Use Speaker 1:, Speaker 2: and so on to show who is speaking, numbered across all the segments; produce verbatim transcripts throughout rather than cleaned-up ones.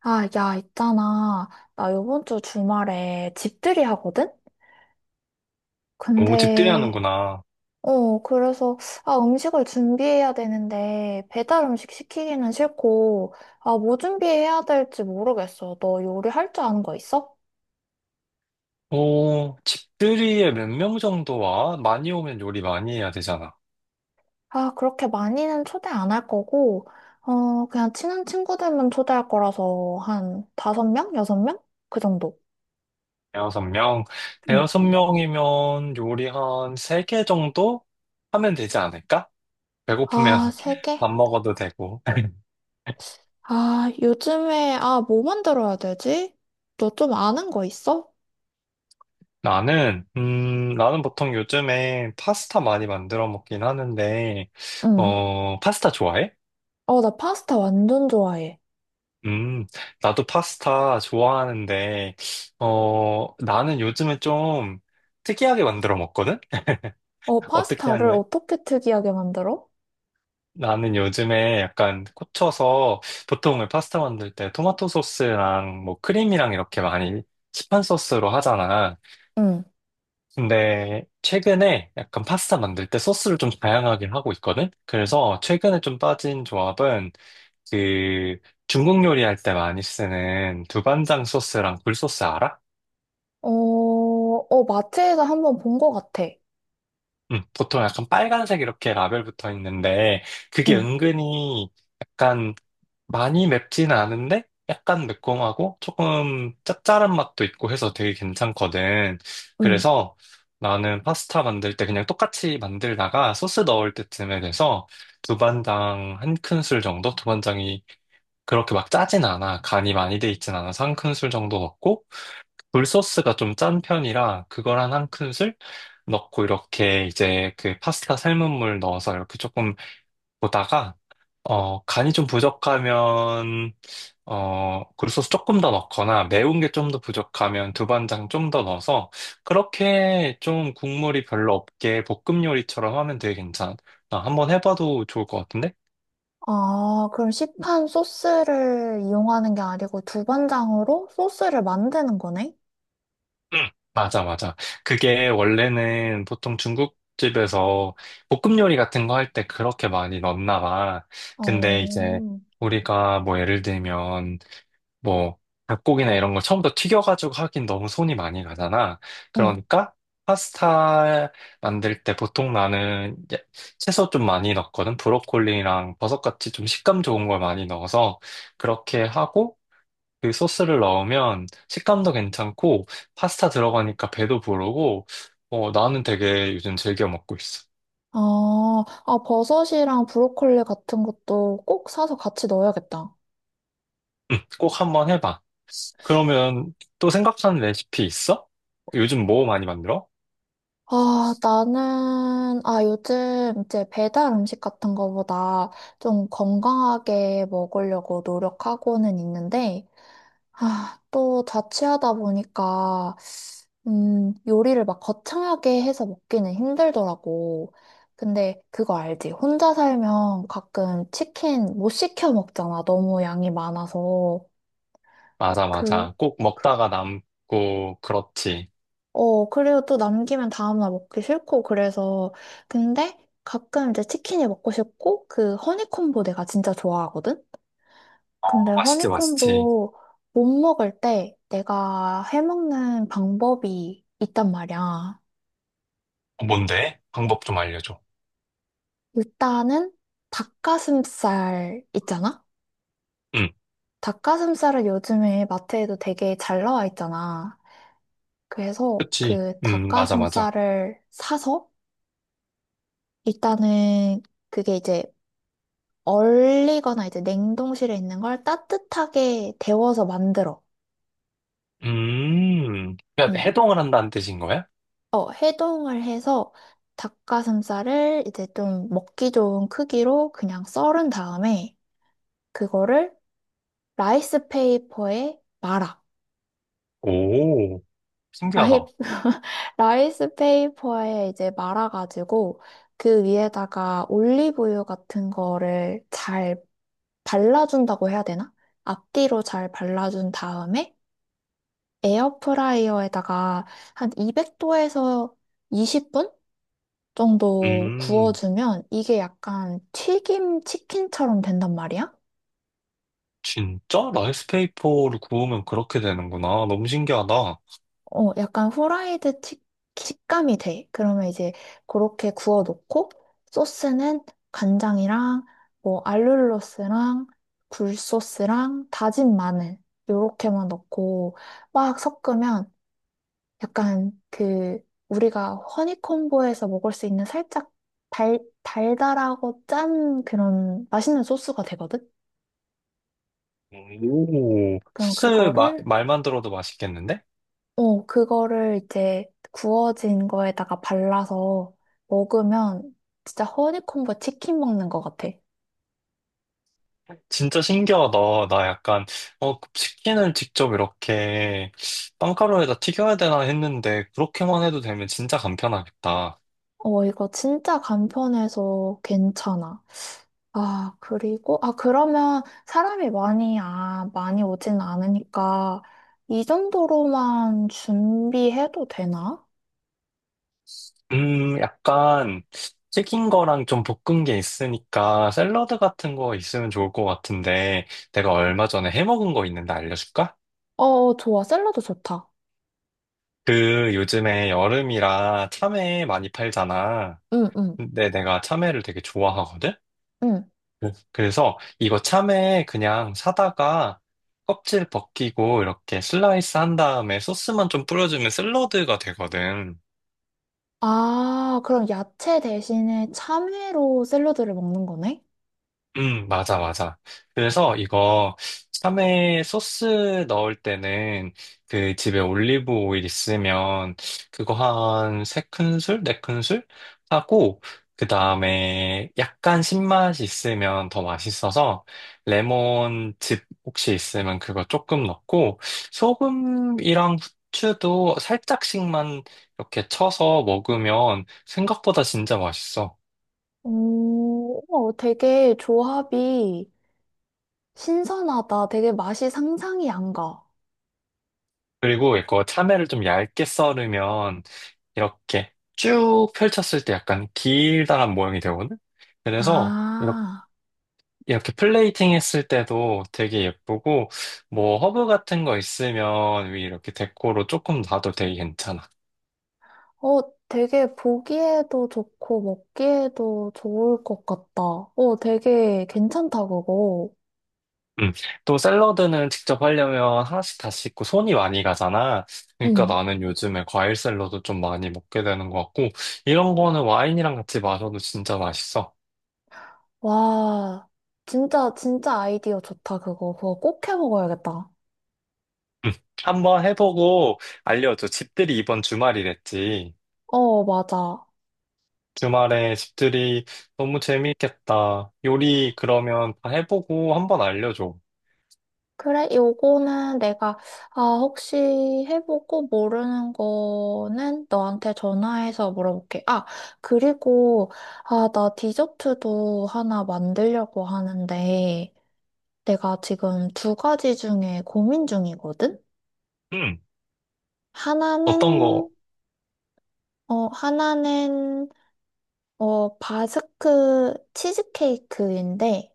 Speaker 1: 아, 야, 있잖아. 나 요번 주 주말에 집들이 하거든?
Speaker 2: 오, 집들이
Speaker 1: 근데,
Speaker 2: 하는구나.
Speaker 1: 어, 그래서, 아, 음식을 준비해야 되는데, 배달 음식 시키기는 싫고, 아, 뭐 준비해야 될지 모르겠어. 너 요리할 줄 아는 거 있어?
Speaker 2: 오, 집들이에 몇 명 정도 와? 많이 오면 요리 많이 해야 되잖아.
Speaker 1: 아, 그렇게 많이는 초대 안 할 거고, 어, 그냥 친한 친구들만 초대할 거라서, 한 다섯 명? 여섯 명? 그 정도.
Speaker 2: 대여섯 명.
Speaker 1: 응.
Speaker 2: 대여섯 명이면 요리 한 세 개 정도 하면 되지 않을까? 배고프면
Speaker 1: 아, 세 개?
Speaker 2: 밥 먹어도 되고.
Speaker 1: 아, 요즘에, 아, 뭐 만들어야 되지? 너 좀 아는 거 있어?
Speaker 2: 나는, 음, 나는 보통 요즘에 파스타 많이 만들어 먹긴 하는데,
Speaker 1: 응,
Speaker 2: 어, 파스타 좋아해?
Speaker 1: 어, 나 파스타 완전 좋아해.
Speaker 2: 음, 나도 파스타 좋아하는데, 어, 나는 요즘에 좀 특이하게 만들어 먹거든?
Speaker 1: 어,
Speaker 2: 어떻게
Speaker 1: 파스타를
Speaker 2: 하냐?
Speaker 1: 어떻게 특이하게 만들어?
Speaker 2: 나는 요즘에 약간 꽂혀서 보통 파스타 만들 때 토마토 소스랑 뭐 크림이랑 이렇게 많이 시판 소스로 하잖아.
Speaker 1: 응,
Speaker 2: 근데 최근에 약간 파스타 만들 때 소스를 좀 다양하게 하고 있거든? 그래서 최근에 좀 빠진 조합은 그 중국 요리할 때 많이 쓰는 두반장 소스랑 굴소스 알아?
Speaker 1: 어, 어, 마트에서 한번 본 거 같아.
Speaker 2: 응, 보통 약간 빨간색 이렇게 라벨 붙어 있는데 그게
Speaker 1: 응,
Speaker 2: 은근히 약간 많이 맵지는 않은데 약간 매콤하고 조금 짭짤한 맛도 있고 해서 되게 괜찮거든.
Speaker 1: 응.
Speaker 2: 그래서 나는 파스타 만들 때 그냥 똑같이 만들다가 소스 넣을 때쯤에 돼서 두반장 한 큰술 정도? 두반장이 그렇게 막 짜진 않아. 간이 많이 돼 있진 않아서 한 큰술 정도 넣고, 굴소스가 좀 짠 편이라 그걸 한 한 큰술 넣고 이렇게 이제 그 파스타 삶은 물 넣어서 이렇게 조금 보다가, 어, 간이 좀 부족하면 어, 굴소스 조금 더 넣거나 매운 게 좀 더 부족하면 두반장 좀 더 넣어서 그렇게 좀 국물이 별로 없게 볶음 요리처럼 하면 되게 괜찮아. 한번 해봐도 좋을 것 같은데?
Speaker 1: 아, 그럼 시판 소스를 이용하는 게 아니고 두반장으로 소스를 만드는 거네?
Speaker 2: 응. 맞아, 맞아. 그게 원래는 보통 중국집에서 볶음 요리 같은 거 할 때 그렇게 많이 넣나 봐. 근데
Speaker 1: 어,
Speaker 2: 이제 우리가 뭐 예를 들면 뭐, 닭고기나 이런 걸 처음부터 튀겨가지고 하긴 너무 손이 많이 가잖아.
Speaker 1: 응.
Speaker 2: 그러니까, 파스타 만들 때 보통 나는 이제 채소 좀 많이 넣거든. 브로콜리랑 버섯같이 좀 식감 좋은 걸 많이 넣어서 그렇게 하고 그 소스를 넣으면 식감도 괜찮고 파스타 들어가니까 배도 부르고 어, 나는 되게 요즘 즐겨 먹고 있어.
Speaker 1: 아, 아, 버섯이랑 브로콜리 같은 것도 꼭 사서 같이 넣어야겠다.
Speaker 2: 응, 꼭 한번 해봐. 그러면 또 생각하는 레시피 있어? 요즘 뭐 많이 만들어?
Speaker 1: 아, 나는, 아, 요즘 이제 배달 음식 같은 거보다 좀 건강하게 먹으려고 노력하고는 있는데, 아, 또 자취하다 보니까, 음, 요리를 막 거창하게 해서 먹기는 힘들더라고. 근데 그거 알지? 혼자 살면 가끔 치킨 못 시켜 먹잖아. 너무 양이 많아서.
Speaker 2: 맞아,
Speaker 1: 그,
Speaker 2: 맞아. 꼭
Speaker 1: 그,
Speaker 2: 먹다가 남고, 그렇지.
Speaker 1: 어, 그리고 또 남기면 다음날 먹기 싫고, 그래서. 근데 가끔 이제 치킨이 먹고 싶고, 그 허니콤보 내가 진짜 좋아하거든? 근데
Speaker 2: 어, 맛있지, 맛있지.
Speaker 1: 허니콤보 못 먹을 때 내가 해먹는 방법이 있단 말이야.
Speaker 2: 어, 뭔데? 방법 좀 알려줘.
Speaker 1: 일단은 닭가슴살 있잖아?
Speaker 2: 응,
Speaker 1: 닭가슴살을 요즘에 마트에도 되게 잘 나와 있잖아. 그래서
Speaker 2: 그치.
Speaker 1: 그
Speaker 2: 음, 맞아, 맞아.
Speaker 1: 닭가슴살을 사서 일단은 그게 이제 얼리거나 이제 냉동실에 있는 걸 따뜻하게 데워서 만들어.
Speaker 2: 음, 그러니까
Speaker 1: 음.
Speaker 2: 해동을 한다는 뜻인 거야?
Speaker 1: 어, 해동을 해서 닭가슴살을 이제 좀 먹기 좋은 크기로 그냥 썰은 다음에 그거를 라이스 페이퍼에 말아.
Speaker 2: 오,
Speaker 1: 라이,
Speaker 2: 신기하다.
Speaker 1: 라이스 페이퍼에 이제 말아가지고 그 위에다가 올리브유 같은 거를 잘 발라준다고 해야 되나? 앞뒤로 잘 발라준 다음에 에어프라이어에다가 한 이백 도에서 이십 분 정도
Speaker 2: 음.
Speaker 1: 구워주면 이게 약간 튀김 치킨처럼 된단 말이야?
Speaker 2: 진짜? 라이스페이퍼를 구우면 그렇게 되는구나. 너무 신기하다.
Speaker 1: 어, 약간 후라이드 치, 식감이 돼. 그러면 이제 그렇게 구워 놓고 소스는 간장이랑 뭐 알룰로스랑 굴소스랑 다진 마늘 요렇게만 넣고 막 섞으면 약간 그 우리가 허니콤보에서 먹을 수 있는 살짝 달, 달달하고 짠 그런 맛있는 소스가 되거든?
Speaker 2: 오,
Speaker 1: 그럼
Speaker 2: 수제 마-
Speaker 1: 그거를,
Speaker 2: 말만 들어도 맛있겠는데?
Speaker 1: 어, 그거를 이제 구워진 거에다가 발라서 먹으면 진짜 허니콤보 치킨 먹는 것 같아.
Speaker 2: 진짜 신기하다. 나 약간, 어, 치킨을 직접 이렇게 빵가루에다 튀겨야 되나 했는데, 그렇게만 해도 되면 진짜 간편하겠다.
Speaker 1: 어, 이거 진짜 간편해서 괜찮아. 아, 그리고, 아, 그러면 사람이 많이, 아, 많이 오진 않으니까 이 정도로만 준비해도 되나?
Speaker 2: 음, 약간, 튀긴 거랑 좀 볶은 게 있으니까, 샐러드 같은 거 있으면 좋을 것 같은데, 내가 얼마 전에 해 먹은 거 있는데 알려줄까?
Speaker 1: 어, 좋아. 샐러드 좋다.
Speaker 2: 그 요즘에 여름이라 참외 많이 팔잖아.
Speaker 1: 응, 응,
Speaker 2: 근데 내가 참외를 되게 좋아하거든?
Speaker 1: 응.
Speaker 2: 그- 그래서 이거 참외 그냥 사다가 껍질 벗기고 이렇게 슬라이스 한 다음에 소스만 좀 뿌려주면 샐러드가 되거든.
Speaker 1: 아, 그럼 야채 대신에 참외로 샐러드를 먹는 거네?
Speaker 2: 음, 맞아, 맞아. 그래서 이거 참외 소스 넣을 때는 그 집에 올리브 오일 있으면 그거 한 세 큰술, 네 큰술 하고 그 다음에 약간 신맛이 있으면 더 맛있어서 레몬즙 혹시 있으면 그거 조금 넣고 소금이랑 후추도 살짝씩만 이렇게 쳐서 먹으면 생각보다 진짜 맛있어.
Speaker 1: 오, 우와, 되게 조합이 신선하다. 되게 맛이 상상이 안 가.
Speaker 2: 그리고 이거 참외를 좀 얇게 썰으면 이렇게 쭉 펼쳤을 때 약간 길다란 모양이 되거든? 그래서 이렇게,
Speaker 1: 아,
Speaker 2: 이렇게 플레이팅 했을 때도 되게 예쁘고, 뭐 허브 같은 거 있으면 위 이렇게 데코로 조금 놔도 되게 괜찮아.
Speaker 1: 어, 되게 보기에도 좋고 먹기에도 좋을 것 같다. 어, 되게 괜찮다, 그거.
Speaker 2: 음. 또 샐러드는 직접 하려면 하나씩 다 씻고 손이 많이 가잖아. 그러니까
Speaker 1: 응.
Speaker 2: 나는 요즘에 과일 샐러드 좀 많이 먹게 되는 것 같고, 이런 거는 와인이랑 같이 마셔도 진짜 맛있어.
Speaker 1: 와, 진짜, 진짜 아이디어 좋다, 그거. 그거 꼭 해 먹어야겠다.
Speaker 2: 음. 한번 해보고 알려줘. 집들이 이번 주말이랬지.
Speaker 1: 어, 맞아.
Speaker 2: 주말에 집들이 너무 재미있겠다. 요리 그러면 다 해보고 한번 알려줘.
Speaker 1: 그래, 요거는 내가, 아, 혹시 해보고 모르는 거는 너한테 전화해서 물어볼게. 아, 그리고, 아, 나 디저트도 하나 만들려고 하는데, 내가 지금 두 가지 중에 고민 중이거든?
Speaker 2: 응. 어떤
Speaker 1: 하나는,
Speaker 2: 거?
Speaker 1: 어, 하나는, 어, 바스크 치즈케이크인데,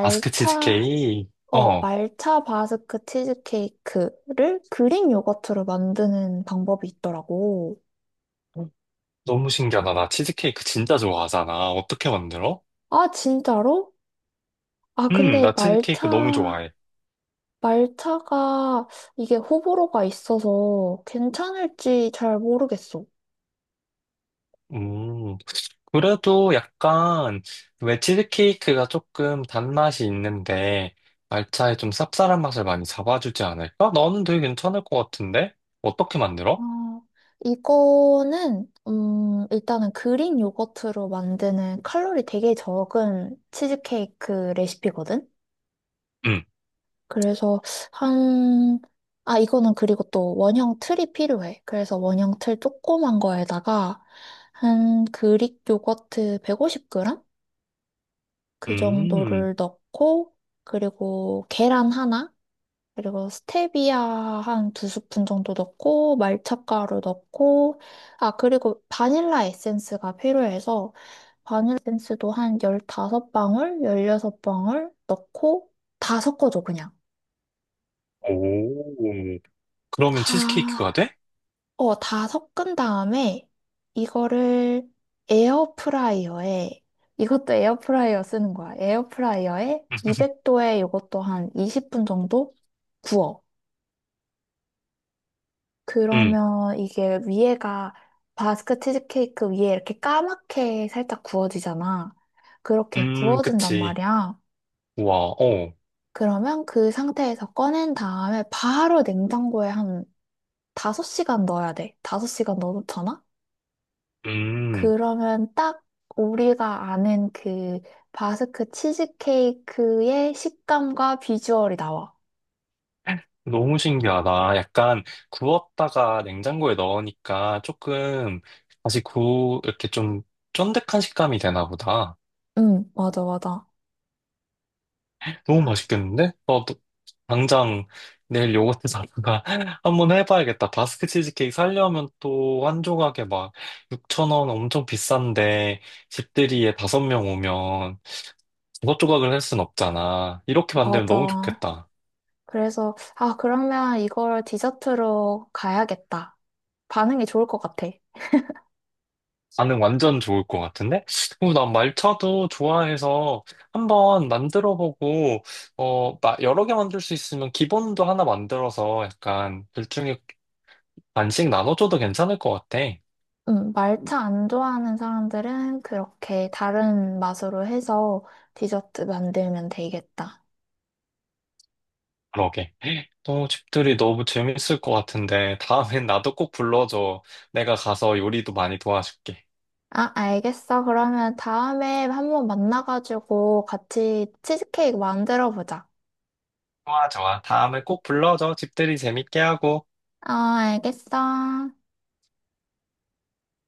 Speaker 2: 마스크 치즈케이크?
Speaker 1: 어,
Speaker 2: 어.
Speaker 1: 말차 바스크 치즈케이크를 그릭 요거트로 만드는 방법이 있더라고.
Speaker 2: 너무 신기하다. 나 치즈케이크 진짜 좋아하잖아. 어떻게 만들어?
Speaker 1: 아, 진짜로? 아,
Speaker 2: 음,
Speaker 1: 근데
Speaker 2: 나 치즈케이크 너무
Speaker 1: 말차,
Speaker 2: 좋아해.
Speaker 1: 말차가 이게 호불호가 있어서 괜찮을지 잘 모르겠어.
Speaker 2: 음, 그래도 약간, 왜 치즈케이크가 조금 단맛이 있는데, 말차에 좀 쌉쌀한 맛을 많이 잡아주지 않을까? 나는 되게 괜찮을 것 같은데? 어떻게
Speaker 1: 아,
Speaker 2: 만들어?
Speaker 1: 이거는, 음, 일단은 그릭 요거트로 만드는 칼로리 되게 적은 치즈케이크 레시피거든?
Speaker 2: 음,
Speaker 1: 그래서 한, 아, 이거는 그리고 또 원형 틀이 필요해. 그래서 원형 틀 조그만 거에다가 한 그릭 요거트 백오십 그램? 그
Speaker 2: 음.
Speaker 1: 정도를 넣고, 그리고 계란 하나, 그리고 스테비아 한 두 스푼 정도 넣고, 말차가루 넣고, 아, 그리고 바닐라 에센스가 필요해서 바닐라 에센스도 한 열다섯 방울, 열여섯 방울 넣고 다 섞어줘, 그냥.
Speaker 2: 오, 그러면 치즈케이크가
Speaker 1: 다
Speaker 2: 돼?
Speaker 1: 어, 다 섞은 다음에 이거를 에어프라이어에, 이것도 에어프라이어 쓰는 거야. 에어프라이어에 이백 도에 이것도 한 이십 분 정도 구워.
Speaker 2: 응,
Speaker 1: 그러면 이게 위에가 바스크 치즈케이크 위에 이렇게 까맣게 살짝 구워지잖아. 그렇게
Speaker 2: 음,
Speaker 1: 구워진단
Speaker 2: 그치.
Speaker 1: 말이야.
Speaker 2: 우와, 어,
Speaker 1: 그러면 그 상태에서 꺼낸 다음에 바로 냉장고에 한 다섯 시간 넣어야 돼. 다섯 시간 넣어놓잖아?
Speaker 2: 음,
Speaker 1: 그러면 딱 우리가 아는 그 바스크 치즈케이크의 식감과 비주얼이 나와.
Speaker 2: 너무 신기하다. 약간 구웠다가 냉장고에 넣으니까 조금 다시 구, 이렇게 좀 쫀득한 식감이 되나 보다.
Speaker 1: 응, 맞아, 맞아.
Speaker 2: 너무 맛있겠는데? 어, 너- 당장 내일 요거트 사다가 한번 해봐야겠다. 바스크 치즈케이크 사려면 또 한 조각에 막 육천 원 엄청 비싼데 집들이에 다섯 명 오면 조각조각을 할 순 없잖아. 이렇게 만들면 너무
Speaker 1: 맞아.
Speaker 2: 좋겠다.
Speaker 1: 그래서, 아, 그러면 이걸 디저트로 가야겠다. 반응이 좋을 것 같아.
Speaker 2: 반응 완전 좋을 것 같은데? 그난 말차도 좋아해서 한번 만들어보고, 어, 마- 여러 개 만들 수 있으면 기본도 하나 만들어서 약간 둘중에 반씩 나눠줘도 괜찮을 것 같아.
Speaker 1: 응, 말차 안 좋아하는 사람들은 그렇게 다른 맛으로 해서 디저트 만들면 되겠다.
Speaker 2: 그러게. 또 집들이 너무 재밌을 것 같은데, 다음엔 나도 꼭 불러줘. 내가 가서 요리도 많이 도와줄게.
Speaker 1: 아, 알겠어. 그러면 다음에 한번 만나가지고 같이 치즈케이크 만들어 보자.
Speaker 2: 좋아, 좋아. 다음에 꼭 불러줘. 집들이 재밌게 하고.
Speaker 1: 아, 알겠어.